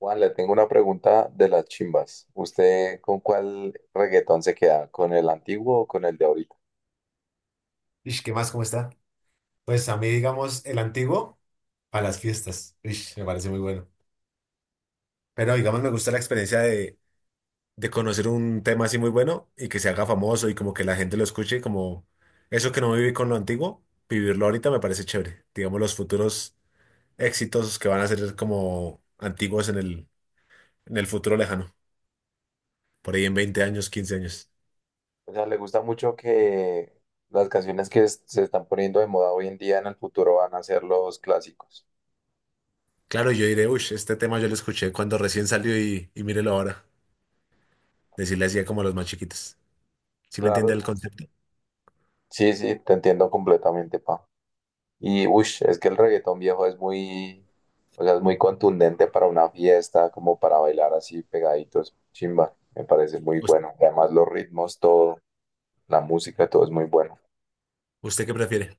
Juan, le tengo una pregunta de las chimbas. ¿Usted con cuál reggaetón se queda? ¿Con el antiguo o con el de ahorita? Ish, ¿qué más? ¿Cómo está? Pues a mí, digamos, el antiguo a las fiestas. Ish, me parece muy bueno. Pero digamos, me gusta la experiencia de conocer un tema así muy bueno y que se haga famoso y como que la gente lo escuche, como eso que no viví con lo antiguo, vivirlo ahorita me parece chévere. Digamos, los futuros éxitos que van a ser como antiguos en el futuro lejano, por ahí en 20 años, 15 años. O sea, ¿le gusta mucho que las canciones que se están poniendo de moda hoy en día en el futuro van a ser los clásicos? Claro, yo diré, uy, este tema yo lo escuché cuando recién salió y mírelo ahora. Decirle así a como los más chiquitos. ¿Sí me entiende el Claro. concepto? Sí, sí, te entiendo completamente, pa. Y, uff, es que el reggaetón viejo es muy, o sea, es muy contundente para una fiesta, como para bailar así pegaditos. Chimba, me parece muy ¿Us- bueno. Además, los ritmos, todo, la música, todo es muy bueno. ¿Usted qué prefiere?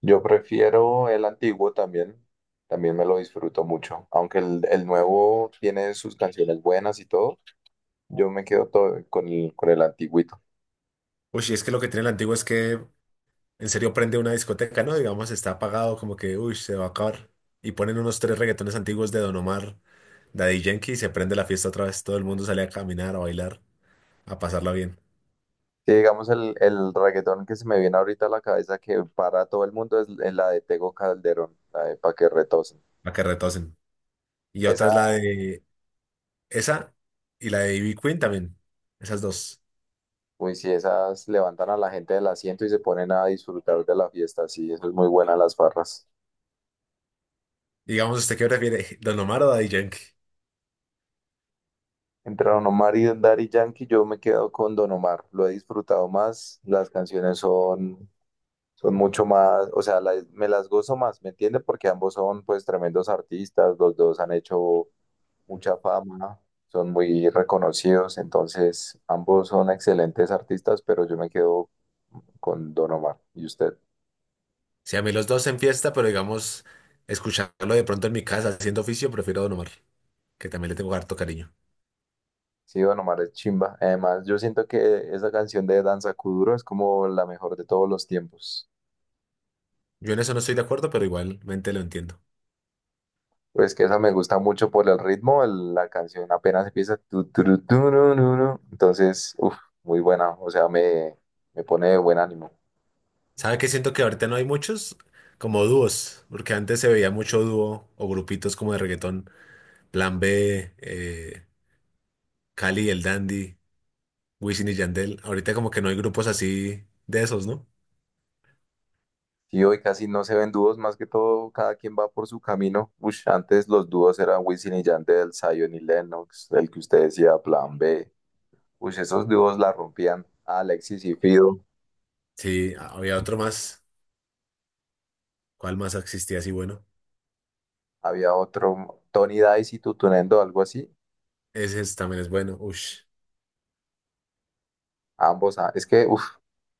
Yo prefiero el antiguo también, también me lo disfruto mucho, aunque el nuevo tiene sus canciones buenas y todo, yo me quedo todo con el antiguito. Uy, y es que lo que tiene el antiguo es que en serio prende una discoteca, ¿no? Digamos, está apagado, como que, uy, se va a acabar. Y ponen unos tres reggaetones antiguos de Don Omar, Daddy Yankee, y se prende la fiesta otra vez. Todo el mundo sale a caminar, a bailar, a pasarla bien, Sí, digamos el reggaetón que se me viene ahorita a la cabeza que para todo el mundo es la de Tego Calderón, la de Pa' que retocen. a que retosen. Y otra Esa, es la de esa y la de Ivy Queen también. Esas dos. uy, sí, esas levantan a la gente del asiento y se ponen a disfrutar de la fiesta, sí, eso es muy buena las farras. Digamos, ¿usted qué prefiere, Don Omar o Daddy Yankee? Entre Don Omar y Daddy Yankee, yo me quedo con Don Omar. Lo he disfrutado más. Las canciones son mucho más, o sea, me las gozo más, ¿me entiende? Porque ambos son pues tremendos artistas, los dos han hecho mucha fama, son muy reconocidos, entonces ambos son excelentes artistas, pero yo me quedo con Don Omar. ¿Y usted? Si a mí los dos en fiesta, pero digamos, escucharlo de pronto en mi casa haciendo oficio, prefiero Don Omar, que también le tengo harto cariño. Sí, Don Omar es chimba. Además, yo siento que esa canción de Danza Kuduro es como la mejor de todos los tiempos. Yo en eso no estoy de acuerdo, pero igualmente lo entiendo. Pues que esa me gusta mucho por el ritmo, la canción apenas empieza. Tu, ru, ru, ru. Entonces, uff, muy buena, o sea, me pone de buen ánimo. ¿Sabe qué siento que ahorita no hay muchos? Como dúos, porque antes se veía mucho dúo o grupitos como de reggaetón, Plan B, Cali y el Dandy, Wisin y Yandel. Ahorita como que no hay grupos así de esos, ¿no? Y hoy casi no se ven dúos, más que todo cada quien va por su camino. Ush, antes los dúos eran Wisin y Yandel, Zion y Lennox, el que usted decía, Plan B. Ush, esos dúos la rompían. Alexis y Fido, Sí, había otro más. ¿Cuál más existía así bueno? había otro, Tony Dice y Tutunendo, algo así. Ese es- también es bueno. Ush. Ambos, ah, es que, uff,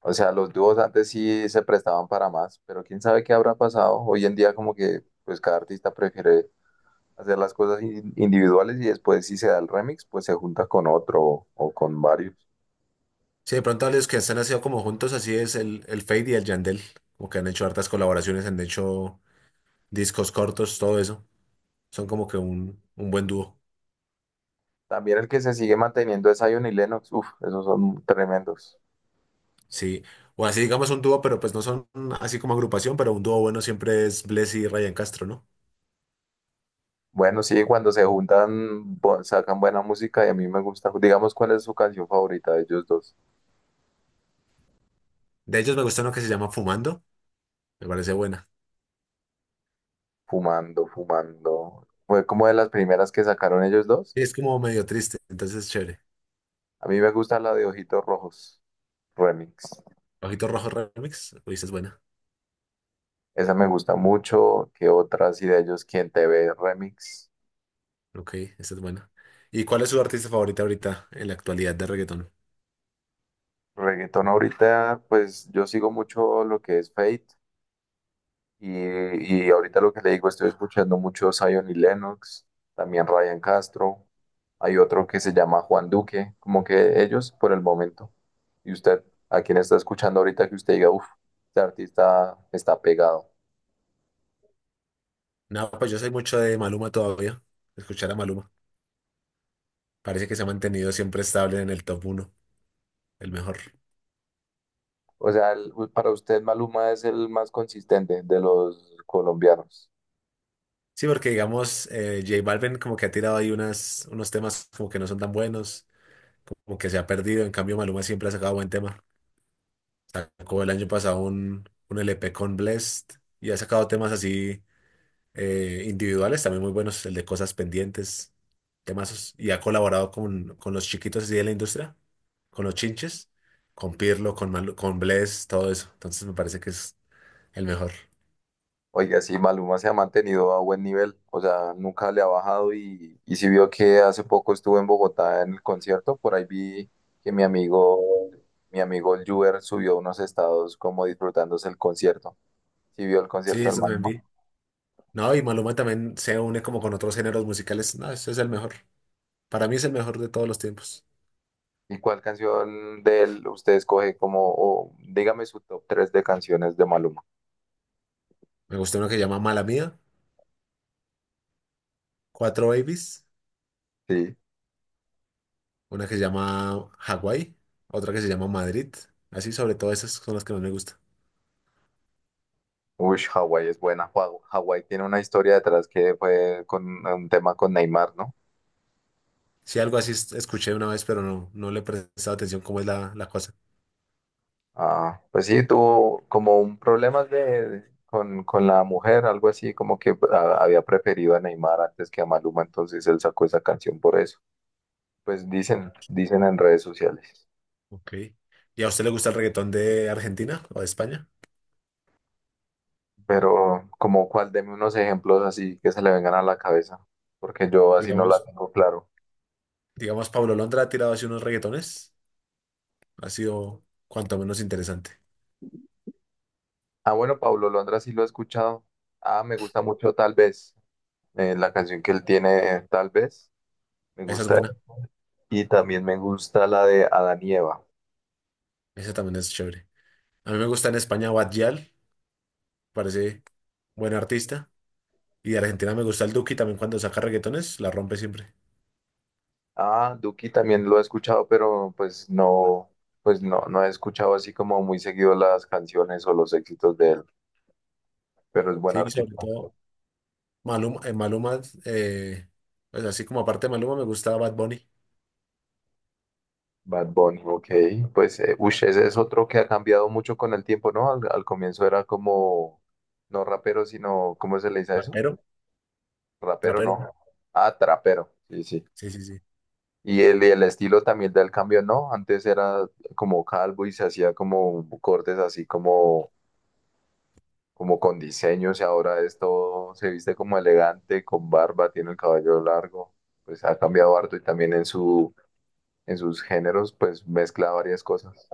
o sea, los dúos antes sí se prestaban para más, pero quién sabe qué habrá pasado. Hoy en día como que, pues cada artista prefiere hacer las cosas individuales y después si se da el remix, pues se junta con otro o con varios. Sí, de pronto a los que están haciendo como juntos, así es el Fade y el Yandel. Como que han hecho hartas colaboraciones, han hecho discos cortos, todo eso. Son como que un buen dúo. También el que se sigue manteniendo es Zion y Lennox. Uf, esos son tremendos. Sí. O así digamos un dúo, pero pues no son así como agrupación, pero un dúo bueno siempre es Bless y Ryan Castro, ¿no? Bueno, sí, cuando se juntan sacan buena música y a mí me gusta. Digamos, ¿cuál es su canción favorita de ellos dos? De ellos me gusta uno que se llama Fumando. Me parece buena. Fumando, fumando. Fue como de las primeras que sacaron ellos dos. Y es como medio triste, entonces es chévere. A mí me gusta la de Ojitos Rojos Remix. Ojito Rojo Remix. Uy, esa es buena. Esa me gusta mucho. ¿Qué otras? Y de ellos, ¿Quién te ve? Remix. Ok, esa es buena. ¿Y cuál es su artista favorita ahorita en la actualidad de reggaetón? Reggaetón ahorita, pues yo sigo mucho lo que es Fate. Y ahorita lo que le digo, estoy escuchando mucho Zion y Lennox, también Ryan Castro. Hay otro que se llama Juan Duque, como que ellos por el momento. ¿Y usted, a quién está escuchando ahorita que usted diga, uff, este artista está pegado? No, pues yo soy mucho de Maluma todavía. Escuchar a Maluma. Parece que se ha mantenido siempre estable en el top uno, el mejor. O sea, para usted Maluma es el más consistente de los colombianos. Sí, porque digamos, J Balvin como que ha tirado ahí unos temas como que no son tan buenos, como que se ha perdido. En cambio, Maluma siempre ha sacado buen tema. Sacó el año pasado un LP con Blessed y ha sacado temas así individuales también muy buenos, el de Cosas Pendientes, temazos. Y ha colaborado con los chiquitos así de la industria, con los chinches, con Pirlo, con Blessed, todo eso. Entonces me parece que es el mejor. Oiga, sí, Maluma se ha mantenido a buen nivel, o sea, nunca le ha bajado y si vio que hace poco estuvo en Bogotá en el concierto, por ahí vi que mi amigo el Juber subió unos estados como disfrutándose el concierto. Si vio el Sí, concierto del eso también Maluma. vi. No, y Maluma también se une como con otros géneros musicales. No, ese es el mejor. Para mí es el mejor de todos los tiempos. ¿Y cuál canción de él usted escoge como, o dígame su top 3 de canciones de Maluma? Me gusta una que se llama Mala Mía, Cuatro Babies, Sí. una que se llama Hawái, otra que se llama Madrid. Así sobre todo esas son las que más me gustan. Uy, Hawái es buena. Hawái Hawái tiene una historia detrás que fue con un tema con Neymar, ¿no? Sí, algo así es- escuché una vez, pero no, no le he prestado atención cómo es la cosa. Ah, pues sí, tuvo como un problema de, con la mujer, algo así, como que había preferido a Neymar antes que a Maluma, entonces él sacó esa canción por eso. Pues dicen, dicen en redes sociales. Ok. ¿Y a usted le gusta el reggaetón de Argentina o de España? Pero como cuál, deme unos ejemplos así que se le vengan a la cabeza, porque yo así no la Digamos, tengo claro. digamos, Pablo Londra ha tirado así unos reggaetones. Ha sido cuanto menos interesante. Ah, bueno, Pablo Londra sí lo he escuchado. Ah, me gusta mucho Tal vez, la canción que él tiene, Tal vez, me Esa es gusta. buena. Y también me gusta la de Adán y Eva. Esa también es chévere. A mí me gusta en España Bad Gyal, parece buen artista. Y de Argentina me gusta el Duki también cuando saca reggaetones, la rompe siempre. Ah, Duki también lo he escuchado, pero pues no, no he escuchado así como muy seguido las canciones o los éxitos de él, pero es buen Sí, y sobre artista. todo Maluma, pues así como aparte de Maluma me gusta Bad Bunny, Bad Bunny, ok. Pues, ush, ese es otro que ha cambiado mucho con el tiempo, ¿no? Al comienzo era como, no rapero, sino, ¿cómo se le dice a eso? trapero, Rapero, no. trapero. Ah, trapero, sí, sí. Sí, sí, sí. Y el estilo también del cambio, ¿no? Antes era como calvo y se hacía como cortes así como como con diseños y ahora es todo, se viste como elegante, con barba, tiene el cabello largo, pues ha cambiado harto y también en su, en sus géneros pues mezcla varias cosas.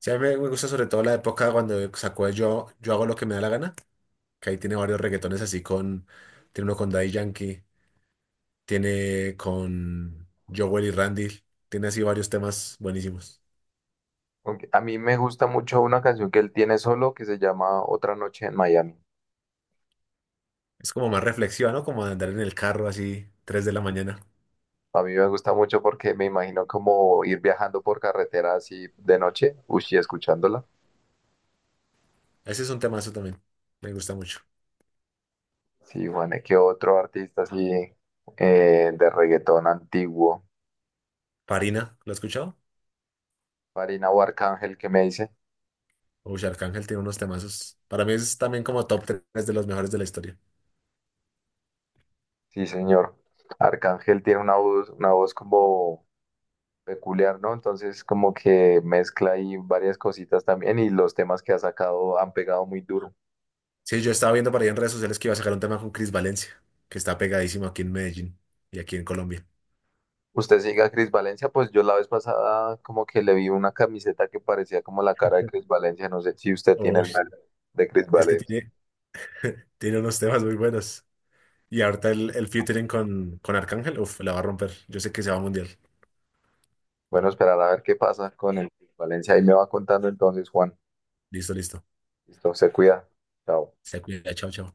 Sí, a mí me gusta sobre todo la época cuando sacó el Yo hago lo que me da la gana, que ahí tiene varios reggaetones así con, tiene uno con Daddy Yankee, tiene con Jowell y Randy, tiene así varios temas buenísimos. Aunque a mí me gusta mucho una canción que él tiene solo que se llama Otra noche en Miami. Es como más reflexiva, ¿no? Como de andar en el carro así, 3 de la mañana. A mí me gusta mucho porque me imagino como ir viajando por carretera así de noche, uchi, escuchándola. Ese es un temazo también. Me gusta mucho. Sí, Juan, ¿qué otro artista así de reggaetón antiguo? Farina, ¿lo has escuchado? Marina o Arcángel, ¿qué me dice? Uy, Arcángel tiene unos temazos. Para mí es también como top 3 de los mejores de la historia. Sí, señor. Arcángel tiene una voz como peculiar, ¿no? Entonces como que mezcla ahí varias cositas también y los temas que ha sacado han pegado muy duro. Sí, yo estaba viendo por ahí en redes sociales que iba a sacar un tema con Chris Valencia, que está pegadísimo aquí en Medellín y aquí en Colombia. Usted sigue a Cris Valencia, pues yo la vez pasada como que le vi una camiseta que parecía como la cara de Cris Valencia. No sé si usted tiene el Uy, mal de Cris es que Valencia. tiene, tiene unos temas muy buenos. Y ahorita el featuring con Arcángel, uf, la va a romper. Yo sé que se va a mundial. Bueno, esperar a ver qué pasa con el Cris Valencia. Ahí me va contando entonces, Juan. Listo, listo. Listo, se cuida. Chao. Se cuida, chao, chao.